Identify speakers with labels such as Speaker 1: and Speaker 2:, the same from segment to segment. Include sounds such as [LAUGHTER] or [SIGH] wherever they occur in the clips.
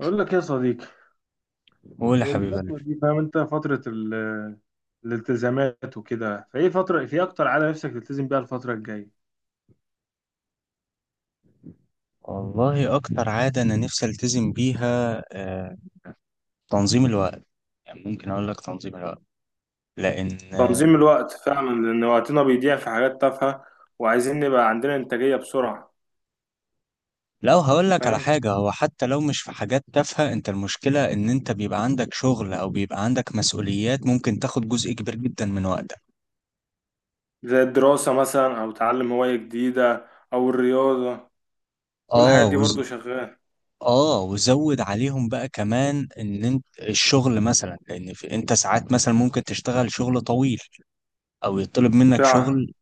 Speaker 1: أقول لك يا صديقي،
Speaker 2: قول يا حبيب قلبي.
Speaker 1: الفترة دي فاهم أنت، فترة الالتزامات وكده، فإيه فترة في أكتر عادة نفسك تلتزم بيها الفترة الجاية؟
Speaker 2: والله اكتر عاده انا نفسي التزم بيها، تنظيم الوقت. يعني ممكن اقول لك تنظيم الوقت لان
Speaker 1: تنظيم الوقت فعلا، لأن وقتنا بيضيع في حاجات تافهة وعايزين نبقى عندنا إنتاجية بسرعة.
Speaker 2: لو هقول لك على
Speaker 1: فاهم.
Speaker 2: حاجه، هو حتى لو مش في حاجات تافهه، انت المشكله ان انت بيبقى عندك شغل او بيبقى عندك مسؤوليات، ممكن تاخد جزء كبير جدا من وقتك.
Speaker 1: زي الدراسة مثلا أو تعلم هواية جديدة أو الرياضة، كل
Speaker 2: اه
Speaker 1: الحاجات دي
Speaker 2: وز...
Speaker 1: برضو شغالة.
Speaker 2: اه وزود عليهم بقى كمان ان انت الشغل مثلا، لان انت ساعات مثلا ممكن تشتغل شغل طويل او يطلب منك
Speaker 1: فعلا
Speaker 2: شغل.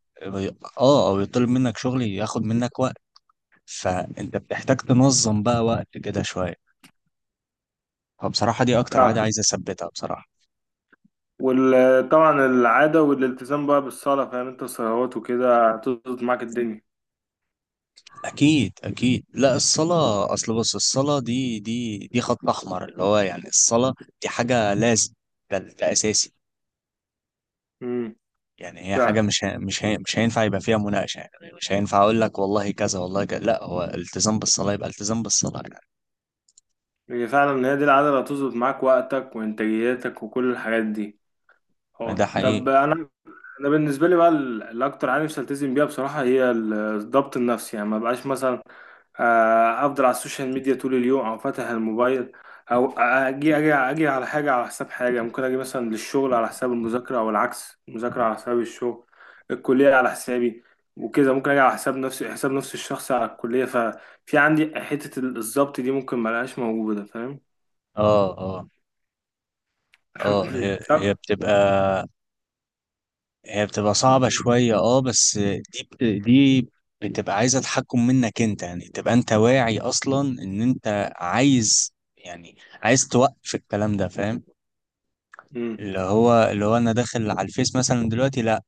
Speaker 2: اه او يطلب منك شغل ياخد منك وقت، فانت بتحتاج تنظم بقى وقت كده شويه. فبصراحه دي اكتر عاده
Speaker 1: فعلا.
Speaker 2: عايز اثبتها بصراحه.
Speaker 1: وطبعا العادة والالتزام بقى بالصلاة، فاهم أنت، الصلوات وكده هتظبط معاك الدنيا.
Speaker 2: اكيد اكيد، لا الصلاه، اصل بص، الصلاه دي خط احمر، اللي هو يعني الصلاه دي حاجه لازم. ده اساسي.
Speaker 1: امم.
Speaker 2: يعني هي حاجه
Speaker 1: فعلا.
Speaker 2: مش هينفع يبقى فيها مناقشه يعني. مش هينفع اقول لك والله كذا والله كذا، لا هو التزام بالصلاه يبقى التزام بالصلاه يعني.
Speaker 1: هي فعلا ان هي دي العادة اللي هتظبط معاك وقتك وإنتاجيتك وكل الحاجات دي.
Speaker 2: ده
Speaker 1: اه، طب
Speaker 2: حقيقي.
Speaker 1: أنا بالنسبة لي بقى الأكتر حاجة نفسي ألتزم بيها بصراحة، هي الضبط النفسي، يعني ما بقاش مثلا أفضل على السوشيال ميديا طول اليوم، أو فاتح الموبايل، أو أجي على حاجة على حساب حاجة، ممكن أجي مثلا للشغل على حساب المذاكرة، أو العكس، المذاكرة على حساب الشغل، الكلية على حسابي، وكده ممكن أجي على حساب نفسي، حساب نفسي الشخصي على الكلية، ففي عندي حتة الضبط دي، ممكن ملقاش موجودة، فاهم.
Speaker 2: اه اه اه هي
Speaker 1: [CLEARS THROAT]
Speaker 2: هي
Speaker 1: طب
Speaker 2: بتبقى، هي بتبقى صعبة شوية اه بس. دي بتبقى عايزة تحكم منك انت، يعني تبقى انت واعي اصلا ان انت عايز، يعني عايز توقف الكلام ده فاهم.
Speaker 1: مم.
Speaker 2: اللي هو انا داخل على الفيس مثلا دلوقتي، لا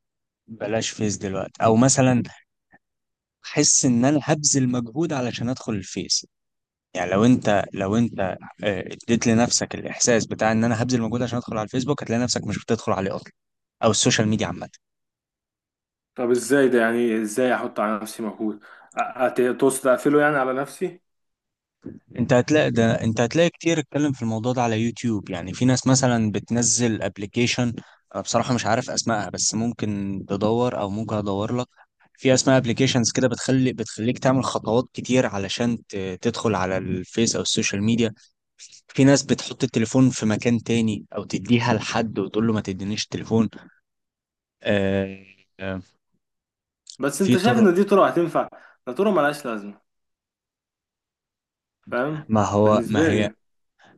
Speaker 2: بلاش فيس دلوقتي، او مثلا احس ان انا هبذل مجهود علشان ادخل الفيس. يعني لو انت اديت لنفسك الاحساس بتاع ان انا هبذل مجهود عشان ادخل على الفيسبوك، هتلاقي نفسك مش بتدخل عليه اصلا، او السوشيال ميديا عامة.
Speaker 1: طب، ازاي ده، يعني ازاي احط على نفسي مجهود، تقصد اقفله يعني على نفسي؟
Speaker 2: انت هتلاقي ده، انت هتلاقي كتير اتكلم في الموضوع ده على يوتيوب. يعني في ناس مثلا بتنزل ابلكيشن، انا بصراحة مش عارف اسمائها، بس ممكن تدور او ممكن ادور لك. في اسماء ابلكيشنز كده بتخليك تعمل خطوات كتير علشان تدخل على الفيس او السوشيال ميديا. في ناس بتحط التليفون في مكان تاني، او تديها لحد وتقول له ما تدينيش التليفون. آه، آه،
Speaker 1: بس
Speaker 2: في
Speaker 1: انت شايف
Speaker 2: طرق.
Speaker 1: ان دي طرق هتنفع؟ ده طرق ملهاش لازمه، فاهم،
Speaker 2: ما
Speaker 1: بالنسبه
Speaker 2: هي،
Speaker 1: لي.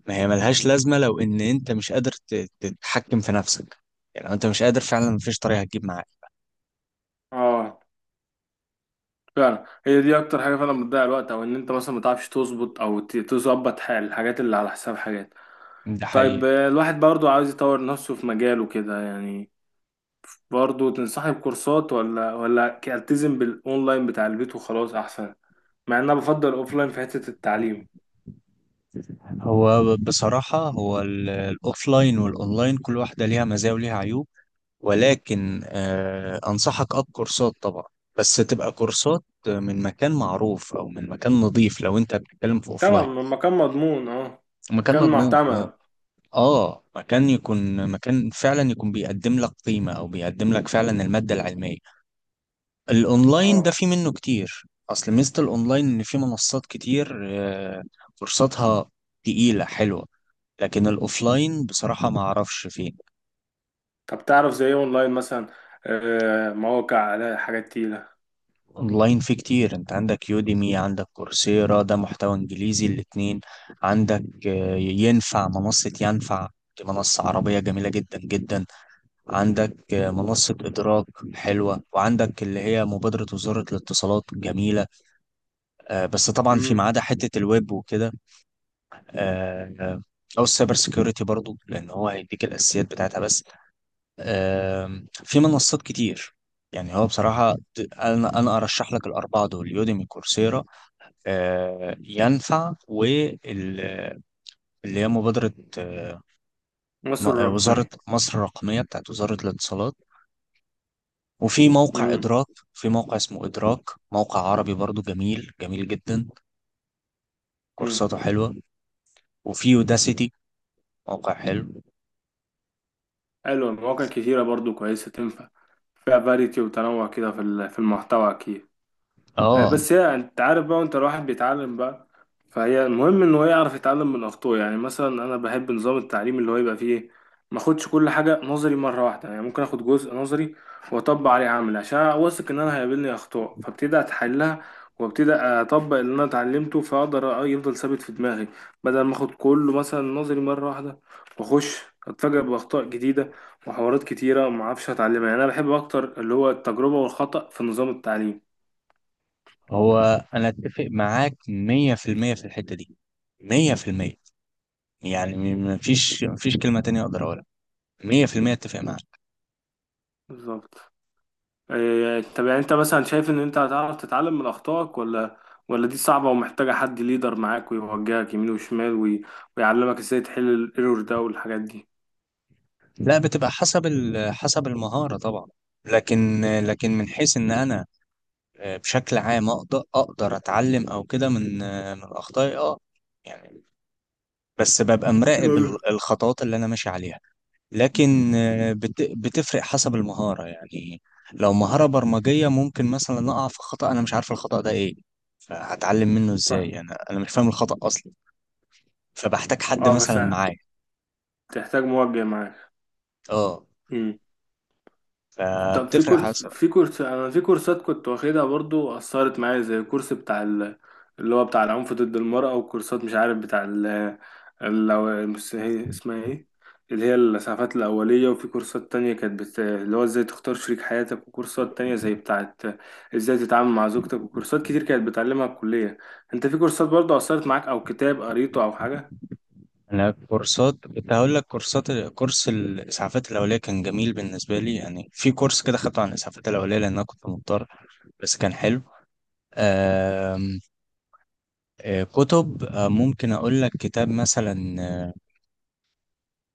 Speaker 2: ملهاش لازمة لو إن أنت مش قادر تتحكم في نفسك. يعني لو أنت مش قادر فعلا، مفيش طريقة هتجيب معاك.
Speaker 1: اه، فعلا هي دي اكتر حاجه فعلا بتضيع الوقت، او ان انت مثلا ما تعرفش تظبط، او تظبط حال الحاجات اللي على حساب حاجات.
Speaker 2: ده
Speaker 1: طيب،
Speaker 2: حقيقي.
Speaker 1: الواحد برضو عاوز يطور نفسه في مجاله كده يعني، برضو تنصحني بكورسات، ولا التزم بالاونلاين بتاع البيت وخلاص احسن؟ مع ان انا بفضل الاوفلاين في حته التعليم.
Speaker 2: بصراحة هو الأوفلاين والأونلاين، كل واحدة ليها مزايا وليها عيوب. ولكن آه أنصحك أب كورسات طبعا، بس تبقى كورسات من مكان معروف أو من مكان نظيف، لو أنت بتتكلم في
Speaker 1: طبعا،
Speaker 2: أوفلاين.
Speaker 1: لما كان مضمون، اه،
Speaker 2: مكان
Speaker 1: كان
Speaker 2: مضمون، أه.
Speaker 1: معتمد،
Speaker 2: اه مكان، يكون مكان فعلا يكون بيقدم لك قيمة، او بيقدم لك فعلا المادة العلمية. الاونلاين ده
Speaker 1: اه.
Speaker 2: في منه كتير. اصل ميزة الاونلاين ان في منصات كتير، فرصتها تقيلة حلوة. لكن الاوفلاين بصراحة ما اعرفش فيه.
Speaker 1: طب تعرف زي ايه اونلاين مثلا؟ مواقع على حاجات تقيلة.
Speaker 2: اونلاين في كتير، انت عندك يوديمي، عندك كورسيرا، ده محتوى انجليزي الاتنين. عندك ينفع منصة، ينفع، دي منصة عربية جميلة جدا جدا. عندك منصة إدراك حلوة. وعندك اللي هي مبادرة وزارة الاتصالات جميلة، بس طبعا في
Speaker 1: امم.
Speaker 2: ما عدا حتة الويب وكده، آه، او السايبر سيكيورتي برضو، لان هو هيديك الاساسيات بتاعتها بس. في منصات كتير. يعني هو بصراحة أنا أرشح لك الأربعة دول: يوديمي، كورسيرا، ينفع، واللي هي مبادرة آه،
Speaker 1: مصر
Speaker 2: وزارة
Speaker 1: الرقمية.
Speaker 2: مصر الرقمية بتاعت وزارة الاتصالات، وفي موقع
Speaker 1: امم.
Speaker 2: إدراك. في موقع اسمه إدراك، موقع عربي برضو جميل جميل جدا،
Speaker 1: امم.
Speaker 2: كورساته حلوة. وفي يوداسيتي، موقع حلو.
Speaker 1: حلو، مواقع كتيرة برضو كويسة تنفع، فيها فاريتي وتنوع كده في المحتوى اكيد.
Speaker 2: اه
Speaker 1: بس هي، انت عارف بقى، وانت الواحد بيتعلم بقى، فهي المهم ان هو يعرف يتعلم من اخطائه، يعني مثلا انا بحب نظام التعليم اللي هو يبقى فيه ما اخدش كل حاجه نظري مره واحده، يعني ممكن اخد جزء نظري واطبق عليه عملي، عشان واثق ان انا هيقابلني اخطاء فابتدي اتحلها، وابتدي اطبق اللي انا اتعلمته، فاقدر يفضل ثابت في دماغي، بدل ما اخد كله مثلا نظري مره واحده، واخش اتفاجئ باخطاء جديده وحوارات كتيره وما اعرفش اتعلمها، يعني انا بحب اكتر اللي هو التجربه والخطأ في نظام التعليم.
Speaker 2: هو، أنا أتفق معاك مية في المية في الحتة دي. مية في المية. يعني مفيش كلمة تانية أقدر أقولها. مية في المية أتفق معاك.
Speaker 1: بالظبط. إيه، طب يعني انت مثلا شايف ان انت هتعرف تتعلم من اخطائك، ولا دي صعبة ومحتاجة حد ليدر معاك ويوجهك يمين وشمال، ويعلمك ازاي تحل الايرور ده والحاجات دي؟
Speaker 2: لا بتبقى حسب حسب المهارة طبعا. لكن من حيث إن أنا بشكل عام أقدر أتعلم أو كده من من أخطائي، أه يعني. بس ببقى مراقب
Speaker 1: يعني
Speaker 2: الخطوات اللي أنا ماشي عليها. لكن بتفرق حسب المهارة يعني. لو مهارة برمجية ممكن مثلا أقع في خطأ، أنا مش عارف الخطأ ده إيه، فهتعلم منه
Speaker 1: ف...
Speaker 2: إزاي؟ أنا مش فاهم الخطأ أصلا، فبحتاج حد
Speaker 1: اه، بس
Speaker 2: مثلا معايا.
Speaker 1: تحتاج موجه معاك.
Speaker 2: أه،
Speaker 1: طب، في
Speaker 2: فبتفرق
Speaker 1: كورس
Speaker 2: حسب.
Speaker 1: في كورس انا في كورسات كنت واخدها برضو اثرت معايا، زي الكورس بتاع اللي هو بتاع العنف ضد المرأة، وكورسات مش عارف بتاع بس هي اسمها ايه، اللي هي الإسعافات الأولية، وفي كورسات تانية كانت اللي هو ازاي تختار شريك حياتك، وكورسات تانية زي بتاعت ازاي تتعامل مع زوجتك، وكورسات كتير كانت بتعلمها الكلية. انت في كورسات برضو اثرت معاك او كتاب قريته او حاجة؟
Speaker 2: أنا كورسات، كنت هقول لك كورسات، كورس الإسعافات الأولية كان جميل بالنسبة لي. يعني في كورس كده خدته عن الإسعافات الأولية لأن أنا كنت مضطر، بس كان حلو. آم، كتب، ممكن أقول لك كتاب مثلا،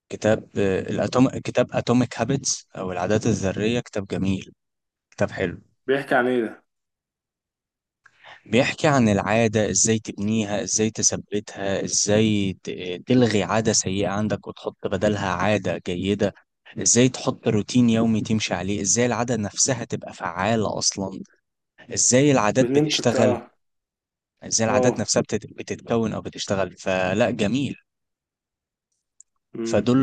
Speaker 2: كتاب الأتوم، كتاب اتوميك هابتس او العادات الذريه. كتاب جميل، كتاب حلو.
Speaker 1: بيحكي عن ايه ده؟
Speaker 2: بيحكي عن العاده، ازاي تبنيها، ازاي تثبتها، ازاي تلغي عاده سيئه عندك وتحط بدلها عاده جيده. ازاي تحط روتين يومي تمشي عليه، ازاي العاده نفسها تبقى فعاله اصلا، ازاي العادات بتشتغل،
Speaker 1: اه،
Speaker 2: ازاي العادات
Speaker 1: اه،
Speaker 2: نفسها بتتكون او بتشتغل. فلا، جميل.
Speaker 1: امم،
Speaker 2: فدول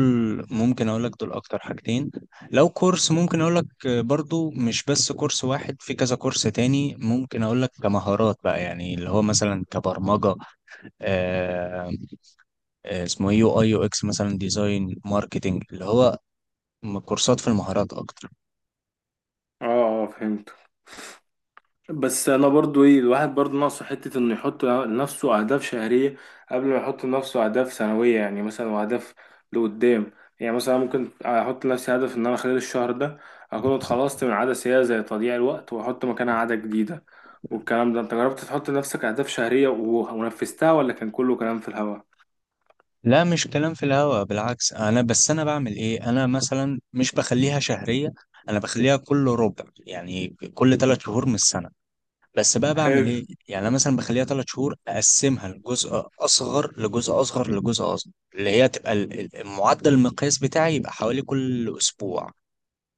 Speaker 2: ممكن اقول لك دول اكتر حاجتين. لو كورس ممكن اقول لك، برضو مش بس كورس واحد، في كذا كورس تاني ممكن اقول لك. كمهارات بقى، يعني اللي هو مثلا كبرمجة، آه، آه، اسمه إيه، يو اي، يو اكس مثلا، ديزاين، ماركتنج، اللي هو كورسات في المهارات اكتر.
Speaker 1: اه، اه، فهمت. بس انا برضو ايه، الواحد برضو ناقصه حته انه يحط لنفسه اهداف شهريه قبل ما يحط لنفسه اهداف سنويه، يعني مثلا، واهداف لقدام، يعني مثلا ممكن احط لنفسي هدف ان انا خلال الشهر ده اكون اتخلصت من عاده سيئه زي تضييع الوقت، واحط مكانها عاده جديده. والكلام ده، انت جربت تحط لنفسك اهداف شهريه و- ونفذتها، ولا كان كله كلام في الهوا؟
Speaker 2: لا مش كلام في الهوا، بالعكس. انا بس انا بعمل ايه، انا مثلا مش بخليها شهرية، انا بخليها كل ربع يعني، كل ثلاث شهور من السنة. بس بقى بعمل
Speaker 1: حلو.
Speaker 2: ايه يعني، انا مثلا بخليها ثلاث شهور اقسمها لجزء اصغر، لجزء اصغر، لجزء اصغر، اللي هي تبقى المعدل، المقياس بتاعي، يبقى حوالي كل اسبوع.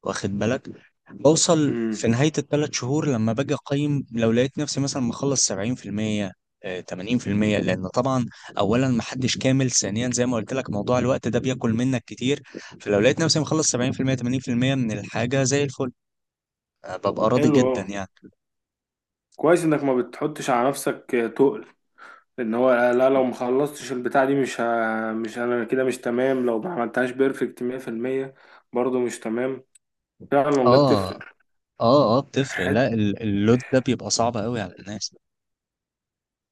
Speaker 2: واخد بالك؟ بوصل
Speaker 1: امم.
Speaker 2: في نهاية الثلاث شهور لما باجي أقيم، لو لقيت نفسي مثلا مخلص 70%، 80%، لأن طبعا أولا محدش كامل، ثانيا زي ما قلت لك موضوع الوقت ده بياكل منك كتير. فلو لقيت نفسي مخلص 70%، 80% من الحاجة زي الفل، ببقى راضي
Speaker 1: حلو. اه،
Speaker 2: جدا يعني.
Speaker 1: كويس انك ما بتحطش على نفسك تقل، ان هو، لا لو ما خلصتش البتاع دي مش، انا كده مش تمام لو ما عملتهاش بيرفكت 100%، برضه مش تمام. فعلا والله
Speaker 2: اه
Speaker 1: بتفرق،
Speaker 2: اه بتفرق. لا
Speaker 1: حت...
Speaker 2: اللود ده بيبقى صعب قوي على الناس.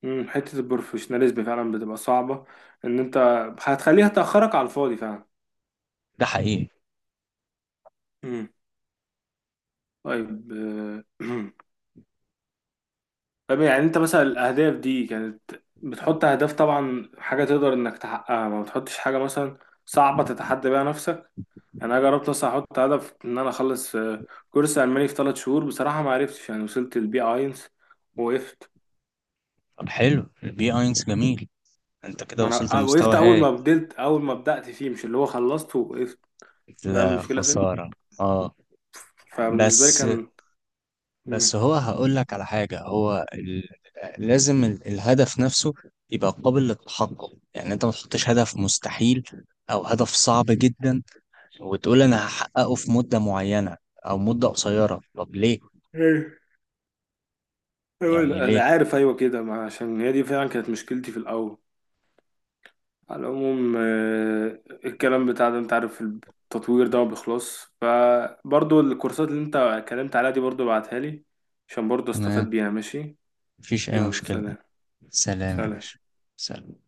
Speaker 1: مم، حتة البروفيشناليزم فعلا بتبقى صعبة، ان انت هتخليها تأخرك على الفاضي فعلا.
Speaker 2: ده حقيقي.
Speaker 1: مم. طيب، [CLEARS THROAT] طيب يعني انت مثلا الاهداف دي كانت، بتحط اهداف طبعا حاجة تقدر انك تحققها، ما بتحطش حاجة مثلا صعبة تتحدى بيها. انا جربت اصلا احط هدف ان انا اخلص كورس الماني في 3 شهور، بصراحه ما عرفتش، يعني وصلت البي اينس، وقفت.
Speaker 2: طب حلو البي اينس جميل، انت كده
Speaker 1: ما انا
Speaker 2: وصلت
Speaker 1: وقفت،
Speaker 2: لمستوى هاي.
Speaker 1: اول ما بدات فيه، مش اللي هو خلصت ووقفت، فاهم
Speaker 2: لا
Speaker 1: المشكله فين؟
Speaker 2: خسارة. اه
Speaker 1: فبالنسبه لي
Speaker 2: بس،
Speaker 1: كان. مم.
Speaker 2: هو هقول لك على حاجة، هو لازم الهدف نفسه يبقى قابل للتحقق. يعني انت ما تحطش هدف مستحيل او هدف صعب جدا، وتقول انا هحققه في مدة معينة او مدة قصيرة. طب ليه
Speaker 1: ايه. أيوة،
Speaker 2: يعني
Speaker 1: لا،
Speaker 2: ليه؟
Speaker 1: انا عارف، ايوه كده، ما عشان هي دي فعلا كانت مشكلتي في الاول. على العموم، الكلام بتاع ده، انت عارف التطوير ده ما بيخلصش، فبرضو الكورسات اللي انت اتكلمت عليها دي برضو ابعتها لي، عشان برضو استفاد
Speaker 2: تمام،
Speaker 1: بيها، ماشي؟
Speaker 2: مفيش اي
Speaker 1: يلا،
Speaker 2: مشكلة.
Speaker 1: سلام.
Speaker 2: سلام يا باشا.
Speaker 1: سلام.
Speaker 2: سلام.